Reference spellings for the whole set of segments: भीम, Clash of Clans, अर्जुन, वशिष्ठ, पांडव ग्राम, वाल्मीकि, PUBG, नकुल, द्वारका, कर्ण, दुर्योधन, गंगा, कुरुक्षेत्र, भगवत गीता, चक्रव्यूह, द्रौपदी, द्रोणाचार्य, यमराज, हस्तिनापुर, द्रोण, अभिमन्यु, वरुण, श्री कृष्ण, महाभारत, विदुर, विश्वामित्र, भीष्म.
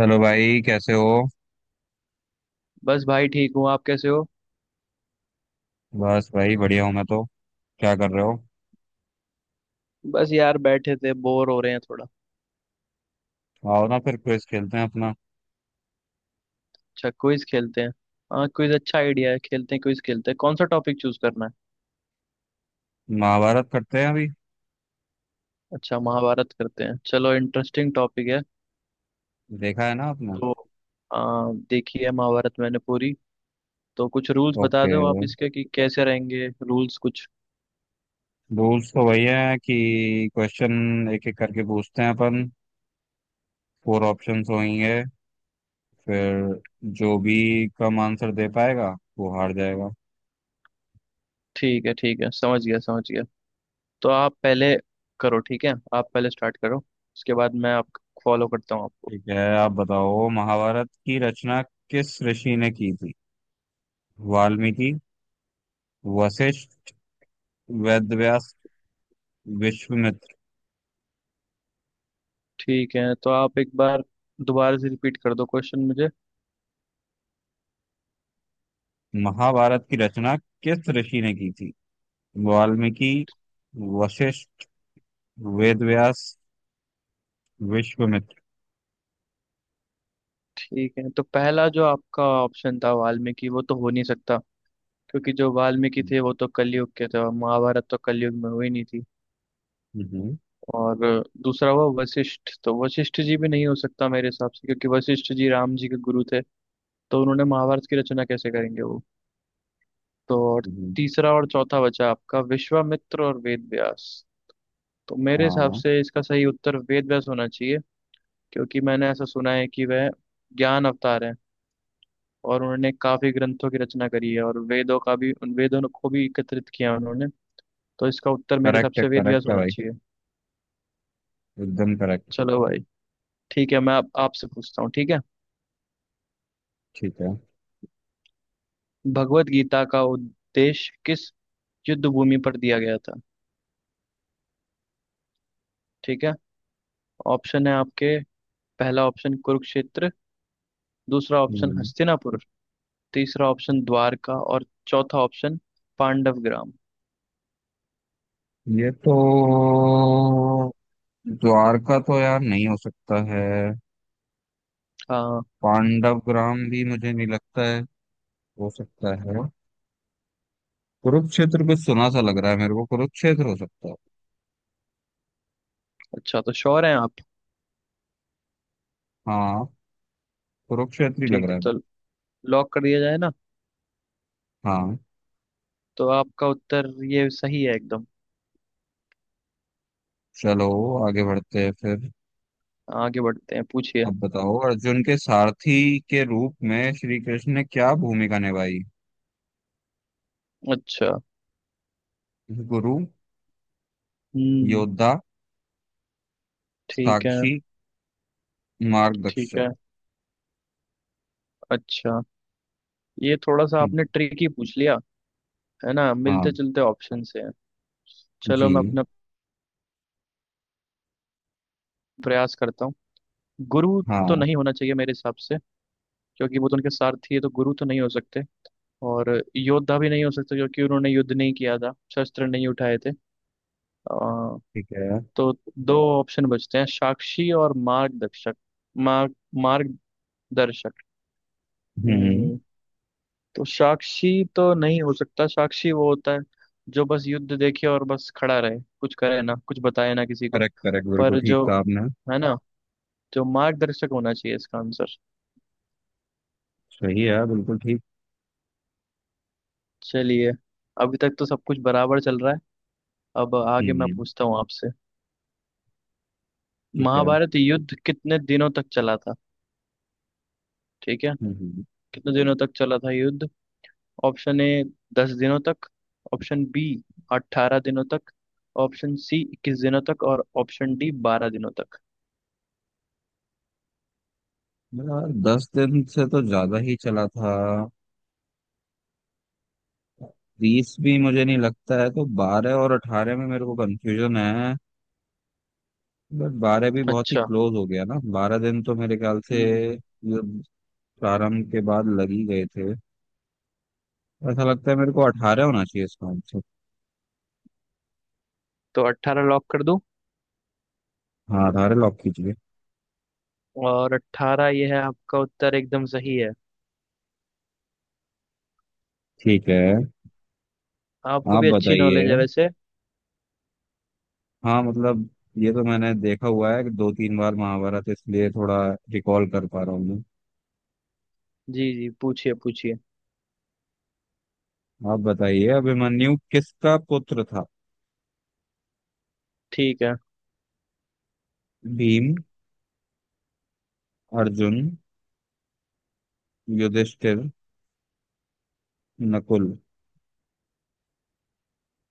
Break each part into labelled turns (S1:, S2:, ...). S1: Hello भाई, कैसे हो?
S2: बस भाई ठीक हूँ। आप कैसे हो?
S1: बस भाई, बढ़िया हूँ मैं तो। क्या कर रहे हो?
S2: बस यार बैठे थे, बोर हो रहे हैं थोड़ा।
S1: आओ ना, फिर क्विज खेलते हैं अपना।
S2: अच्छा, क्विज खेलते हैं। हाँ, क्विज अच्छा आइडिया है, खेलते हैं क्विज, खेलते हैं। कौन सा टॉपिक चूज करना है?
S1: महाभारत करते हैं अभी।
S2: अच्छा, महाभारत करते हैं, चलो इंटरेस्टिंग टॉपिक है।
S1: देखा है ना आपने?
S2: तो देखी है महाभारत मैंने पूरी। तो कुछ रूल्स बता
S1: ओके।
S2: दो आप इसके, कि कैसे रहेंगे रूल्स कुछ।
S1: रूल्स तो वही है कि क्वेश्चन एक एक करके पूछते हैं अपन। फोर ऑप्शंस होंगे। फिर जो भी कम आंसर दे पाएगा वो हार जाएगा।
S2: ठीक है ठीक है, समझ गया समझ गया। तो आप पहले करो, ठीक है आप पहले स्टार्ट करो, उसके बाद मैं आप फॉलो करता हूँ आपको।
S1: ठीक है। आप बताओ, महाभारत की रचना किस ऋषि ने की थी? वाल्मीकि, वशिष्ठ, वेदव्यास, विश्वामित्र।
S2: ठीक है, तो आप एक बार दोबारा से रिपीट कर दो क्वेश्चन मुझे।
S1: महाभारत की रचना किस ऋषि ने की थी? वाल्मीकि, वशिष्ठ, वेद व्यास, विश्वामित्र।
S2: ठीक है, तो पहला जो आपका ऑप्शन था वाल्मीकि वो तो हो नहीं सकता, क्योंकि जो वाल्मीकि थे वो तो कलयुग के थे और महाभारत तो कलयुग में हुई नहीं थी।
S1: हम्म।
S2: और दूसरा हुआ वशिष्ठ, तो वशिष्ठ जी भी नहीं हो सकता मेरे हिसाब से, क्योंकि वशिष्ठ जी राम जी के गुरु थे, तो उन्होंने महाभारत की रचना कैसे करेंगे वो। तो और
S1: हम्म।
S2: तीसरा और चौथा बचा आपका विश्वामित्र और वेद व्यास। तो मेरे हिसाब
S1: हाँ।
S2: से इसका सही उत्तर वेद व्यास होना चाहिए, क्योंकि मैंने ऐसा सुना है कि वह ज्ञान अवतार है, और उन्होंने काफी ग्रंथों की रचना करी है और वेदों को भी एकत्रित किया उन्होंने। तो इसका उत्तर मेरे हिसाब
S1: करेक्ट है,
S2: से वेद व्यास
S1: करेक्ट है
S2: होना
S1: भाई,
S2: चाहिए।
S1: एकदम करेक्ट।
S2: चलो भाई, ठीक है, मैं आप आपसे पूछता हूँ, ठीक है।
S1: ठीक है।
S2: भगवत गीता का उद्देश्य किस युद्ध भूमि पर दिया गया था? ठीक है, ऑप्शन है आपके, पहला ऑप्शन कुरुक्षेत्र, दूसरा ऑप्शन
S1: हम्म।
S2: हस्तिनापुर, तीसरा ऑप्शन द्वारका, और चौथा ऑप्शन पांडव ग्राम।
S1: ये तो द्वारका तो यार नहीं हो सकता है।
S2: हाँ,
S1: पांडव ग्राम भी मुझे नहीं लगता है, हो सकता है। कुरुक्षेत्र कुछ सुना सा लग रहा है मेरे को, कुरुक्षेत्र हो सकता है।
S2: अच्छा, तो श्योर हैं आप?
S1: हाँ, कुरुक्षेत्र ही लग
S2: ठीक
S1: रहा
S2: है
S1: है।
S2: चलो, लॉक कर दिया जाए ना।
S1: हाँ।
S2: तो आपका उत्तर ये सही है एकदम।
S1: चलो, आगे बढ़ते हैं फिर।
S2: आगे बढ़ते हैं, पूछिए।
S1: आप बताओ, अर्जुन के सारथी के रूप में श्री कृष्ण ने क्या भूमिका निभाई?
S2: अच्छा।
S1: गुरु,
S2: हम्म।
S1: योद्धा,
S2: ठीक है।
S1: साक्षी,
S2: ठीक है।
S1: मार्गदर्शक।
S2: अच्छा, ये थोड़ा सा
S1: हम्म।
S2: आपने ट्रिक ही पूछ लिया, है ना, मिलते
S1: हाँ।
S2: जुलते ऑप्शन से है।
S1: जी।
S2: चलो, मैं अपना प्रयास करता हूँ। गुरु तो
S1: हाँ।
S2: नहीं होना चाहिए मेरे हिसाब से, क्योंकि वो तो उनके सारथी है, तो गुरु तो नहीं हो सकते। और योद्धा भी नहीं हो सकते, क्योंकि उन्होंने युद्ध नहीं किया था, शस्त्र नहीं उठाए थे। अ,
S1: ठीक है।
S2: तो दो ऑप्शन बचते हैं, साक्षी और मार्गदर्शक। मार्ग मार्गदर्शक।
S1: हम्म।
S2: हम्म, तो साक्षी तो नहीं हो सकता, साक्षी वो होता है जो बस युद्ध देखे और बस खड़ा रहे, कुछ करे ना, कुछ बताए ना किसी को।
S1: करेक्ट, करेक्ट, बिल्कुल
S2: पर
S1: ठीक
S2: जो,
S1: कहा आपने।
S2: है ना, जो मार्गदर्शक होना चाहिए इसका आंसर।
S1: सही है बिल्कुल ठीक।
S2: चलिए, अभी तक तो सब कुछ बराबर चल रहा है। अब आगे मैं
S1: हम्म।
S2: पूछता हूँ आपसे।
S1: ठीक है।
S2: महाभारत युद्ध कितने दिनों तक चला था? ठीक है,
S1: हम्म।
S2: कितने दिनों तक चला था युद्ध? ऑप्शन ए, 10 दिनों तक। ऑप्शन बी, 18 दिनों तक। ऑप्शन सी, 21 दिनों तक। और ऑप्शन डी, 12 दिनों तक।
S1: यार, दस दिन से तो ज्यादा ही चला था। बीस भी मुझे नहीं लगता है, तो बारह और अठारह में मेरे को कंफ्यूजन है। बट बारह भी बहुत ही
S2: अच्छा,
S1: क्लोज हो गया ना, बारह दिन तो मेरे ख्याल से।
S2: हम्म।
S1: मतलब प्रारंभ के बाद लग ही गए थे। ऐसा लगता है मेरे को, अठारह होना चाहिए इसका आंसर।
S2: तो 18 लॉक कर दूं?
S1: हाँ, अठारह लॉक कीजिए।
S2: और 18, ये है आपका उत्तर एकदम सही है।
S1: ठीक है,
S2: आपको
S1: आप
S2: भी अच्छी नॉलेज है
S1: बताइए।
S2: वैसे।
S1: हाँ, मतलब ये तो मैंने देखा हुआ है कि दो तीन बार महाभारत, इसलिए थोड़ा रिकॉल कर पा रहा हूँ मैं।
S2: जी जी, पूछिए पूछिए।
S1: आप बताइए, अभिमन्यु किसका पुत्र था?
S2: ठीक है।
S1: भीम, अर्जुन, युधिष्ठिर, नकुल।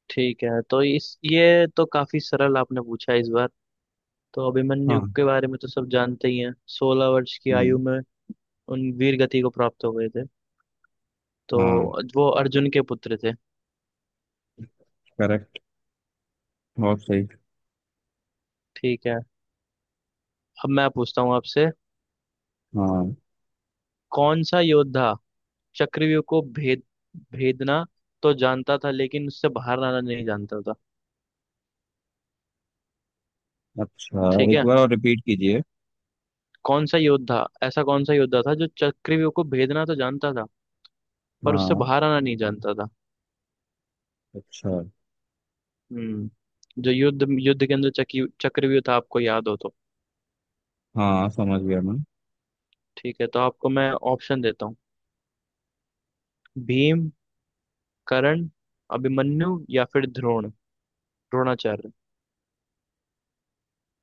S2: ठीक है, तो इस ये तो काफी सरल आपने पूछा इस बार। तो अभिमन्यु
S1: हाँ।
S2: के बारे में तो सब जानते ही हैं, 16 वर्ष की आयु
S1: हम्म।
S2: में उन वीर गति को प्राप्त हो गए थे। तो
S1: हाँ।
S2: वो अर्जुन के पुत्र थे।
S1: करेक्ट, बहुत सही।
S2: ठीक है, अब मैं पूछता हूँ आपसे।
S1: हाँ।
S2: कौन सा योद्धा चक्रव्यूह को भेदना तो जानता था, लेकिन उससे बाहर आना नहीं जानता था।
S1: अच्छा,
S2: ठीक
S1: एक
S2: है,
S1: बार और रिपीट कीजिए।
S2: कौन सा योद्धा, ऐसा कौन सा योद्धा था जो चक्रव्यूह को भेदना तो जानता था, पर उससे
S1: हाँ।
S2: बाहर आना नहीं जानता था।
S1: अच्छा।
S2: हम्म, जो युद्ध युद्ध के अंदर चकी चक्रव्यूह था, आपको याद हो तो।
S1: हाँ, समझ गया मैं।
S2: ठीक है, तो आपको मैं ऑप्शन देता हूँ, भीम, कर्ण, अभिमन्यु, या फिर द्रोण, द्रोणाचार्य।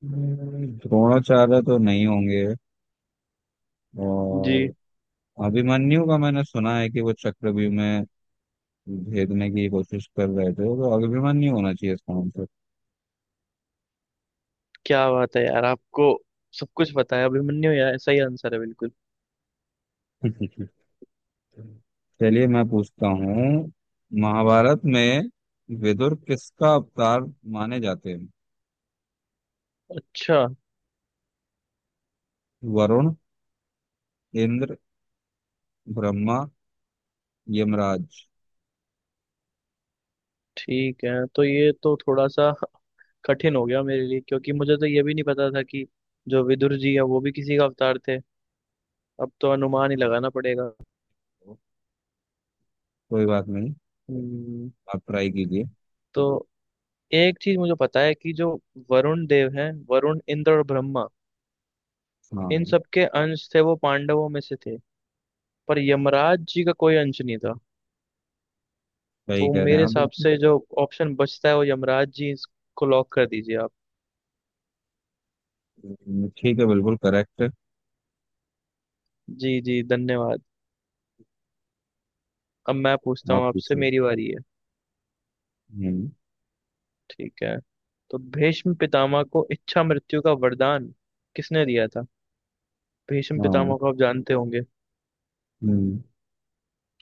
S1: द्रोणाचार्य तो नहीं होंगे।
S2: जी।
S1: और अभिमन्यु का मैंने सुना है कि वो चक्रव्यूह में भेदने की कोशिश कर रहे थे, तो अभिमन्यु होना चाहिए इसका आंसर।
S2: क्या बात है यार, आपको सब कुछ पता है। अभिमन्यु यार सही आंसर है बिल्कुल।
S1: चलिए, मैं पूछता हूँ। महाभारत में विदुर किसका अवतार माने जाते हैं?
S2: अच्छा।
S1: वरुण, इंद्र, ब्रह्मा, यमराज।
S2: ठीक है, तो ये तो थोड़ा सा कठिन हो गया मेरे लिए, क्योंकि मुझे तो ये भी नहीं पता था कि जो विदुर जी है वो भी किसी का अवतार थे। अब तो अनुमान ही
S1: हाँ,
S2: लगाना पड़ेगा।
S1: कोई बात नहीं।
S2: हम्म,
S1: आप ट्राई कीजिए।
S2: तो एक चीज मुझे पता है कि जो वरुण देव हैं, वरुण, इंद्र और ब्रह्मा, इन
S1: हाँ,
S2: सबके अंश थे, वो पांडवों में से थे। पर यमराज जी का कोई अंश नहीं था।
S1: सही
S2: तो
S1: कह रहे
S2: मेरे
S1: हैं आप
S2: हिसाब
S1: बिल्कुल।
S2: से जो ऑप्शन बचता है वो यमराज जी, इसको लॉक कर दीजिए आप।
S1: ठीक है, बिल्कुल करेक्ट है।
S2: जी जी धन्यवाद। अब मैं पूछता
S1: आप
S2: हूँ आपसे,
S1: पूछे।
S2: मेरी बारी है।
S1: हम्म।
S2: ठीक है, तो भीष्म पितामह को इच्छा मृत्यु का वरदान किसने दिया था? भीष्म
S1: हाँ।
S2: पितामह को आप जानते होंगे।
S1: हम्म।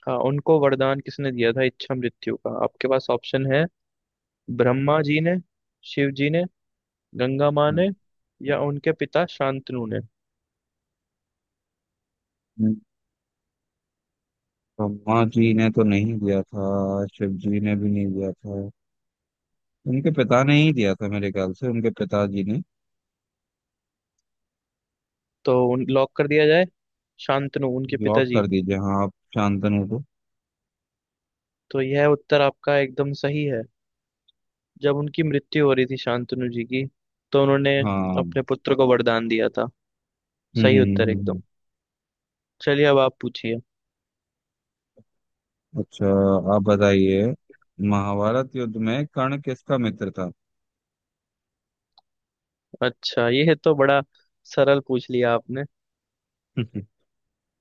S2: हाँ, उनको वरदान किसने दिया था इच्छा मृत्यु का? आपके पास ऑप्शन है, ब्रह्मा जी ने, शिव जी ने, गंगा माँ ने,
S1: हम्म।
S2: या उनके पिता शांतनु ने।
S1: हम्म। ब्रह्मा जी ने तो नहीं दिया था, शिव जी ने भी नहीं दिया था। उनके पिता ने ही दिया था मेरे ख्याल से, उनके पिताजी ने।
S2: तो उन लॉक कर दिया जाए, शांतनु उनके
S1: ब्लॉक
S2: पिताजी।
S1: कर दीजिए, हाँ, आप शांतनु को।
S2: तो यह उत्तर आपका एकदम सही है। जब उनकी मृत्यु हो रही थी शांतनु जी की, तो उन्होंने
S1: हाँ। हम्म।
S2: अपने पुत्र को वरदान दिया था।
S1: हम्म।
S2: सही उत्तर
S1: हम्म। हम्म।
S2: एकदम। चलिए अब आप पूछिए।
S1: अच्छा, आप बताइए, महाभारत युद्ध में कर्ण किसका मित्र था?
S2: अच्छा, ये तो बड़ा सरल पूछ लिया आपने।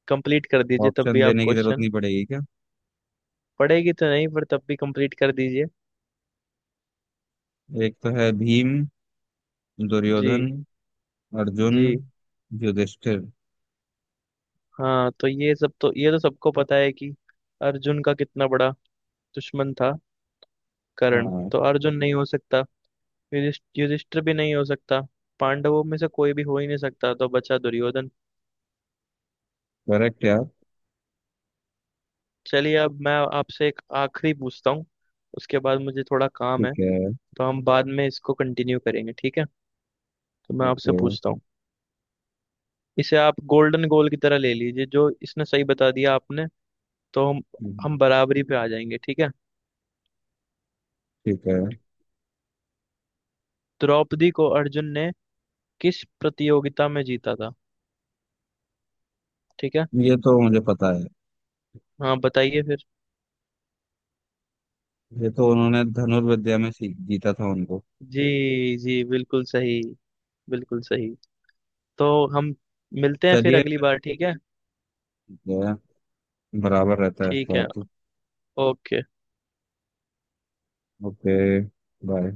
S2: कंप्लीट कर दीजिए तब
S1: ऑप्शन
S2: भी आप
S1: देने की जरूरत
S2: क्वेश्चन।
S1: नहीं पड़ेगी क्या?
S2: पढ़ेगी तो नहीं, पर तब भी कंप्लीट कर दीजिए।
S1: एक तो है भीम, दुर्योधन,
S2: जी।
S1: अर्जुन,
S2: जी।
S1: युधिष्ठिर।
S2: हाँ, तो ये सब तो, ये तो सबको पता है कि अर्जुन का कितना बड़ा दुश्मन था कर्ण,
S1: हाँ।
S2: तो अर्जुन नहीं हो सकता, युधिष्ठिर भी नहीं हो सकता, पांडवों में से कोई भी हो ही नहीं सकता, तो बचा दुर्योधन।
S1: करेक्ट यार।
S2: चलिए अब मैं आपसे एक आखिरी पूछता हूँ, उसके बाद मुझे थोड़ा काम है,
S1: ठीक है।
S2: तो हम बाद में इसको कंटिन्यू करेंगे, ठीक है। तो मैं आपसे
S1: ओके।
S2: पूछता हूँ, इसे आप गोल्डन गोल की तरह ले लीजिए, जो इसने सही बता दिया आपने, तो हम
S1: हम्म,
S2: हम बराबरी पे आ जाएंगे, ठीक है।
S1: ठीक है।
S2: द्रौपदी को अर्जुन ने किस प्रतियोगिता में जीता था? ठीक है।
S1: ये तो मुझे पता है।
S2: हाँ बताइए फिर।
S1: ये तो उन्होंने धनुर्विद्या में सीख जीता था उनको।
S2: जी जी, बिल्कुल सही, बिल्कुल सही। तो हम मिलते हैं फिर
S1: चलिए
S2: अगली
S1: फिर।
S2: बार, ठीक है।
S1: ठीक है, बराबर रहता है इस
S2: ठीक
S1: बार
S2: है,
S1: तो।
S2: ओके।
S1: ओके। बाय।